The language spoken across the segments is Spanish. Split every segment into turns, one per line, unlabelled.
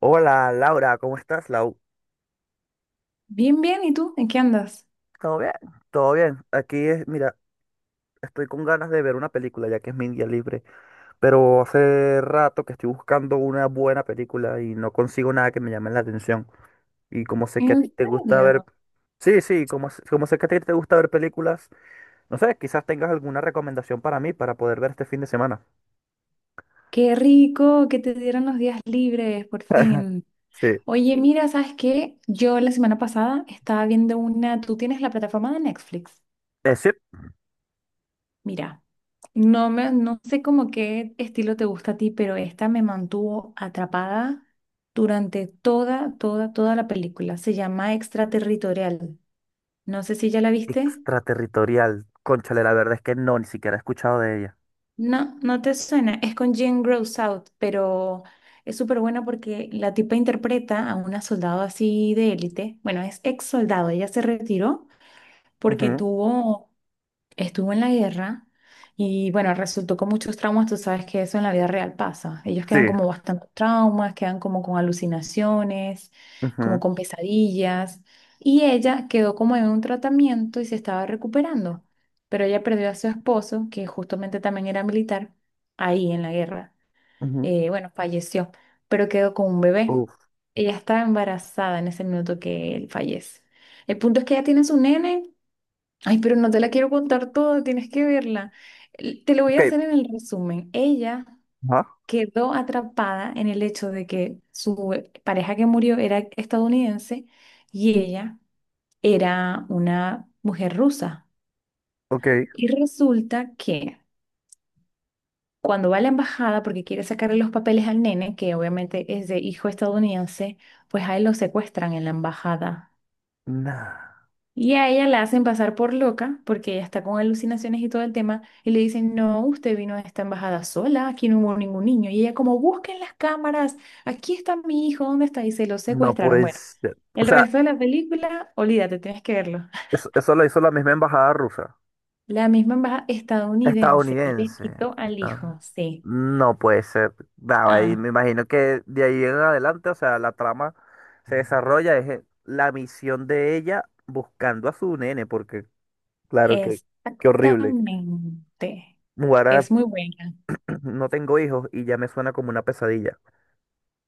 Hola Laura, ¿cómo estás, Lau?
Bien, bien, ¿y tú? ¿En qué andas?
¿Todo bien? Todo bien. Aquí es, mira, estoy con ganas de ver una película ya que es mi día libre, pero hace rato que estoy buscando una buena película y no consigo nada que me llame la atención. Y como sé que a
¿En
ti te gusta ver,
serio?
sí, sí, como sé que a ti te gusta ver películas, no sé, quizás tengas alguna recomendación para mí para poder ver este fin de semana.
Qué rico que te dieron los días libres, por fin.
Sí,
Oye, mira, ¿sabes qué? Yo la semana pasada estaba viendo una, tú tienes la plataforma de Netflix.
es
Mira, no sé cómo qué estilo te gusta a ti, pero esta me mantuvo atrapada durante toda la película. Se llama Extraterritorial. No sé si ya la viste.
Extraterritorial. Cónchale, la verdad es que no, ni siquiera he escuchado de ella.
No, no te suena. Es con Jane Grows Out, pero es súper buena porque la tipa interpreta a una soldado así de élite. Bueno, es ex soldado. Ella se retiró porque
Ujú.
tuvo estuvo en la guerra y bueno, resultó con muchos traumas, tú sabes que eso en la vida real pasa. Ellos quedan
Sí.
como bastante traumas, quedan como con alucinaciones,
Ujú,
como con pesadillas y ella quedó como en un tratamiento y se estaba recuperando, pero ella perdió a su esposo, que justamente también era militar, ahí en la guerra.
ujú.
Bueno, falleció, pero quedó con un bebé.
Uf.
Ella estaba embarazada en ese minuto que él fallece. El punto es que ella tiene su nene. Ay, pero no te la quiero contar toda, tienes que verla. Te lo voy
Ok.
a hacer en el resumen. Ella
Ah,
quedó atrapada en el hecho de que su pareja que murió era estadounidense y ella era una mujer rusa.
ok.
Y resulta que cuando va a la embajada porque quiere sacarle los papeles al nene, que obviamente es de hijo estadounidense, pues a él lo secuestran en la embajada.
Nah,
Y a ella la hacen pasar por loca, porque ella está con alucinaciones y todo el tema, y le dicen, no, usted vino a esta embajada sola, aquí no hubo ningún niño. Y ella como, busquen las cámaras, aquí está mi hijo, ¿dónde está? Y se lo
no
secuestraron. Bueno,
pues. O
el
sea,
resto de la película, olvídate, tienes que verlo.
eso lo hizo la misma embajada rusa.
La misma embajada estadounidense les
Estadounidense.
quitó al
Esta-
hijo, sí.
No puede ser. Nada, ahí
Ah,
me imagino que de ahí en adelante, o sea, la trama se desarrolla, es la misión de ella buscando a su nene, porque claro que, qué horrible.
exactamente.
Ahora
Es muy buena.
no tengo hijos y ya me suena como una pesadilla.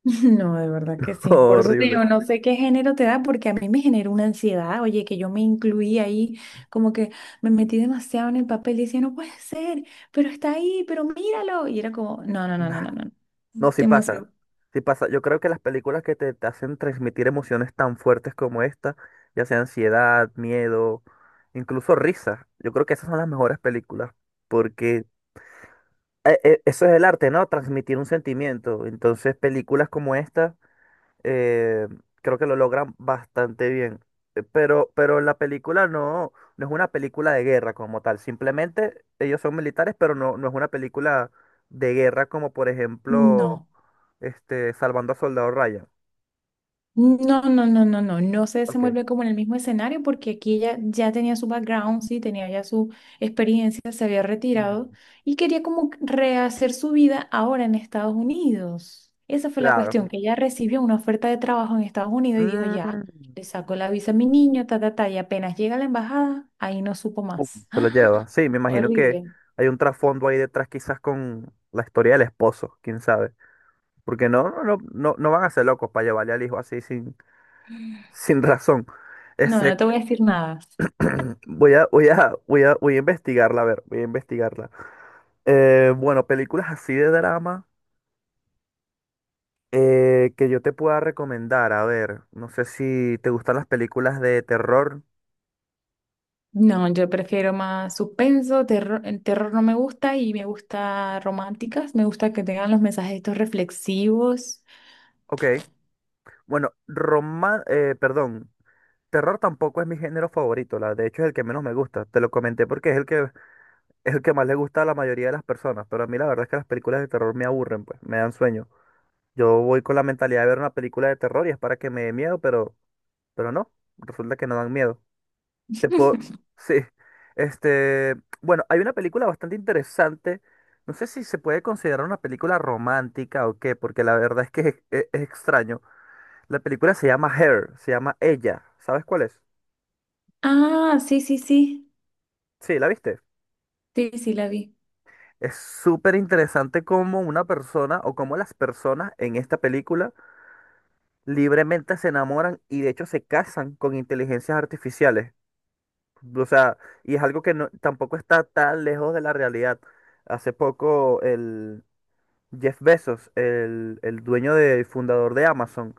No, de verdad que sí. Por eso te
Horrible.
digo, no sé qué género te da, porque a mí me genera una ansiedad. Oye, que yo me incluí ahí, como que me metí demasiado en el papel y decía, no puede ser, pero está ahí, pero míralo. Y era como, no, no, no, no, no, no.
No, sí
Te
pasa.
emocionó.
Sí pasa. Yo creo que las películas que te hacen transmitir emociones tan fuertes como esta, ya sea ansiedad, miedo, incluso risa, yo creo que esas son las mejores películas, porque eso es el arte, ¿no? Transmitir un sentimiento. Entonces, películas como esta, eh, creo que lo logran bastante bien. Pero la película no es una película de guerra como tal. Simplemente ellos son militares, pero no es una película de guerra como por ejemplo
No.
Salvando a Soldado Ryan.
No se
Ok.
desenvuelve como en el mismo escenario porque aquí ella ya tenía su background, sí, tenía ya su experiencia, se había retirado
Mm,
y quería como rehacer su vida ahora en Estados Unidos. Esa fue la
claro.
cuestión, que ella recibió una oferta de trabajo en Estados Unidos y dijo, ya, le
Mm,
saco la visa a mi niño, ta, ta, ta, y apenas llega a la embajada, ahí no supo
pum,
más.
se
¡Ah!
lo lleva. Sí, me imagino que
Horrible.
hay un trasfondo ahí detrás quizás con la historia del esposo, quién sabe. Porque no, no, no, no no van a ser locos para llevarle al hijo así sin, sin razón.
No,
Ese,
no te voy a decir nada.
Voy a investigarla, a ver, voy a investigarla. Bueno, películas así de drama, que yo te pueda recomendar, a ver, no sé si te gustan las películas de terror.
No, yo prefiero más suspenso, terror, el terror no me gusta y me gusta románticas, me gusta que tengan los mensajes estos reflexivos.
Ok, bueno, perdón, terror tampoco es mi género favorito, de hecho es el que menos me gusta, te lo comenté porque es el que más le gusta a la mayoría de las personas, pero a mí la verdad es que las películas de terror me aburren, pues, me dan sueño. Yo voy con la mentalidad de ver una película de terror y es para que me dé miedo, pero, no, resulta que no dan miedo. Te puedo... Sí. Este, bueno, hay una película bastante interesante. No sé si se puede considerar una película romántica o qué, porque la verdad es que es extraño. La película se llama Her, se llama Ella. ¿Sabes cuál es?
Ah,
Sí, ¿la viste?
sí, la vi.
Es súper interesante cómo una persona o cómo las personas en esta película libremente se enamoran y de hecho se casan con inteligencias artificiales. O sea, y es algo que tampoco está tan lejos de la realidad. Hace poco Jeff Bezos, el dueño de, fundador de Amazon,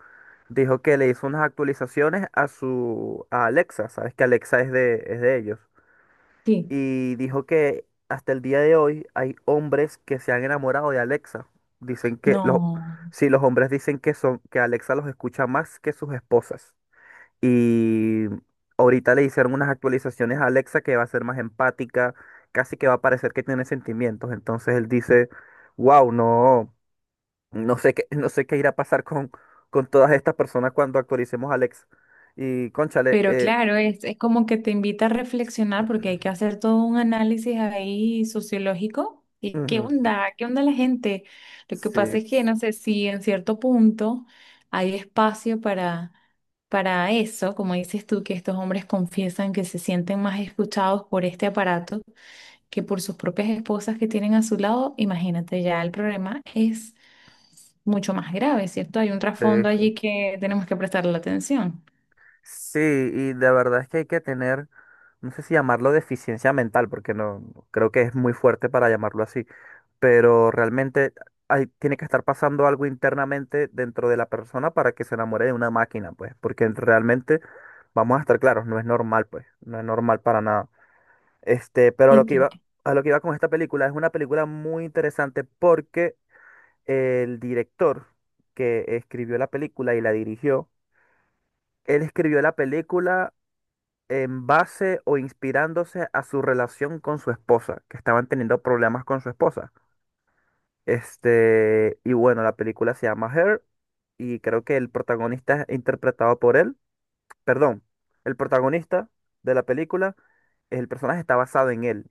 dijo que le hizo unas actualizaciones a su a Alexa, sabes que Alexa es de, ellos.
Sí,
Y dijo que hasta el día de hoy hay hombres que se han enamorado de Alexa. Dicen que los,
no.
sí, los hombres dicen que Alexa los escucha más que sus esposas. Y ahorita le hicieron unas actualizaciones a Alexa que va a ser más empática, casi que va a parecer que tiene sentimientos. Entonces él dice, wow, no. No sé qué irá a pasar con todas estas personas cuando actualicemos Alex. Y cónchale,
Pero claro, es como que te invita a reflexionar porque hay que hacer todo un análisis ahí sociológico. ¿Y qué
ujú,
onda? ¿Qué onda la gente? Lo que
sí,
pasa es que, no sé, si en cierto punto hay espacio para eso, como dices tú, que estos hombres confiesan que se sienten más escuchados por este aparato que por sus propias esposas que tienen a su lado, imagínate, ya el problema es mucho más grave, ¿cierto? Hay un
sí,
trasfondo
sí.
allí que tenemos que prestarle atención.
Sí, y la verdad es que hay que tener, no sé si llamarlo deficiencia mental, porque no no creo que es muy fuerte para llamarlo así, pero realmente hay, tiene que estar pasando algo internamente dentro de la persona para que se enamore de una máquina, pues, porque realmente, vamos a estar claros, no es normal, pues, no es normal para nada. Pero a
Y
lo que
ti-
iba, a lo que iba con esta película, es una película muy interesante porque el director que escribió la película y la dirigió, él escribió la película en base o inspirándose a su relación con su esposa, que estaban teniendo problemas con su esposa. Y bueno, la película se llama Her y creo que el protagonista es interpretado por él. Perdón, el protagonista de la película, el personaje está basado en él.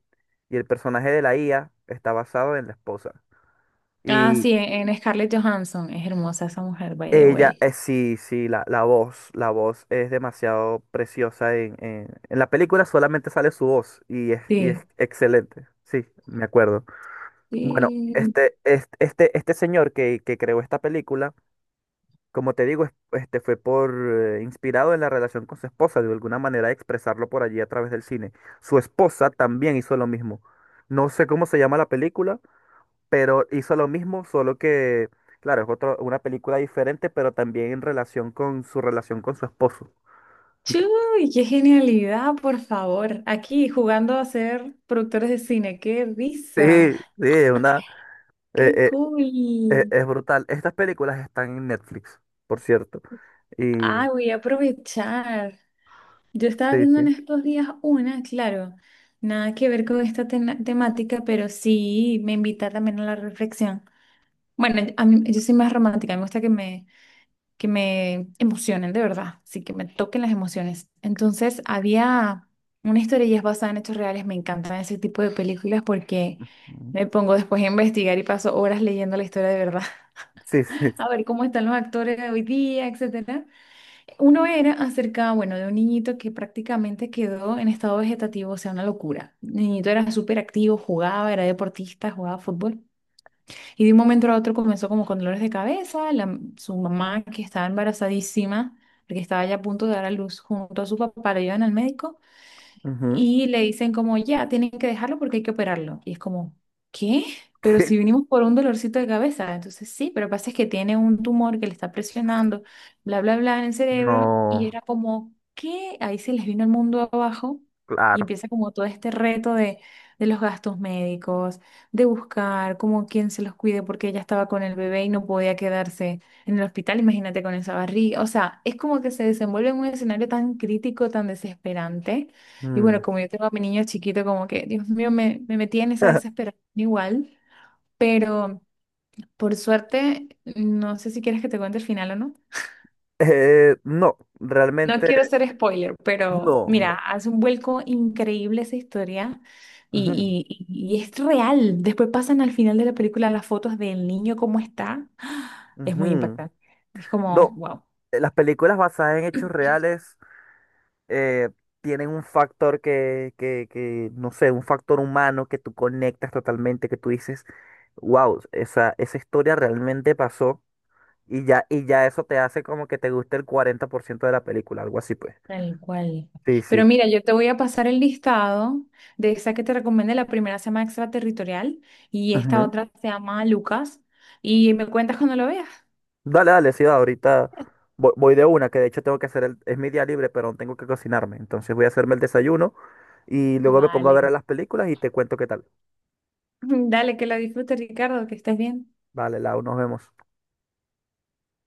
Y el personaje de la IA está basado en la esposa.
Ah,
Y
sí, en Scarlett Johansson. Es hermosa esa mujer, by the
ella,
way.
sí, sí, la voz es demasiado preciosa. En la película solamente sale su voz y es, y
Sí.
es excelente. Sí, me acuerdo. Bueno,
Sí.
este señor que creó esta película, como te digo, este fue por inspirado en la relación con su esposa, de alguna manera expresarlo por allí a través del cine. Su esposa también hizo lo mismo. No sé cómo se llama la película, pero hizo lo mismo, solo que, claro, es otra, una película diferente, pero también en relación con su esposo.
Chuy, qué genialidad, por favor. Aquí jugando a ser productores de cine. ¡Qué
Sí,
risa!
sí, es una, eh,
¡Qué
eh,
cool!
es brutal. Estas películas están en Netflix, por cierto.
Ah,
Y
voy a aprovechar. Yo estaba
sí,
viendo
sí.
en estos días una, claro, nada que ver con esta temática, pero sí me invita también a la reflexión. Bueno, yo soy más romántica, me gusta que me emocionen de verdad, sí, que me toquen las emociones. Entonces, había una historia y es basada en hechos reales, me encantan ese tipo de películas porque
Ujú.
me pongo después a investigar y paso horas leyendo la historia de verdad,
Sí, sí.
a ver cómo están los actores de hoy día, etcétera. Uno era acerca, bueno, de un niñito que prácticamente quedó en estado vegetativo, o sea, una locura. El niñito era súper activo, jugaba, era deportista, jugaba fútbol. Y de un momento a otro comenzó como con dolores de cabeza, su mamá que estaba embarazadísima, porque estaba ya a punto de dar a luz junto a su papá, le llevan al médico
Ujú.
y le dicen como, ya, tienen que dejarlo porque hay que operarlo. Y es como, ¿qué? Pero si vinimos por un dolorcito de cabeza, entonces sí, pero pasa es que tiene un tumor que le está presionando, bla, bla, bla, en el cerebro, y
No,
era como, ¿qué? Ahí se les vino el mundo abajo y
claro.
empieza como todo este reto de los gastos médicos, de buscar como quién se los cuide porque ella estaba con el bebé y no podía quedarse en el hospital, imagínate con esa barriga, o sea, es como que se desenvuelve en un escenario tan crítico, tan desesperante y
Mm.
bueno, como yo tengo a mi niño chiquito, como que, Dios mío, me metí en esa desesperación igual, pero por suerte, no sé si quieres que te cuente el final o no.
No,
No quiero
realmente
ser spoiler, pero
no, no.
mira, hace un vuelco increíble esa historia
Ujú,
y es real. Después pasan al final de la película las fotos del niño, cómo está. ¡Ah! Es muy
ujú.
impactante. Es como,
No,
wow.
las películas basadas en hechos reales, eh, tienen un factor que, no sé, un factor humano que tú conectas totalmente, que tú dices, wow, esa historia realmente pasó y ya eso te hace como que te guste el 40% de la película, algo así pues.
Tal cual.
Sí, sí.
Pero mira, yo te voy a pasar el listado de esa que te recomendé. La primera se llama Extraterritorial y esta otra se llama Lucas. Y me cuentas cuando lo veas.
Dale, dale, sí, va, ahorita voy, de una, que de hecho tengo que hacer el, es mi día libre, pero tengo que cocinarme. Entonces voy a hacerme el desayuno y luego me pongo a
Vale.
ver las películas y te cuento qué tal.
Dale, que la disfrutes, Ricardo, que estés bien.
Vale, Lau, nos vemos.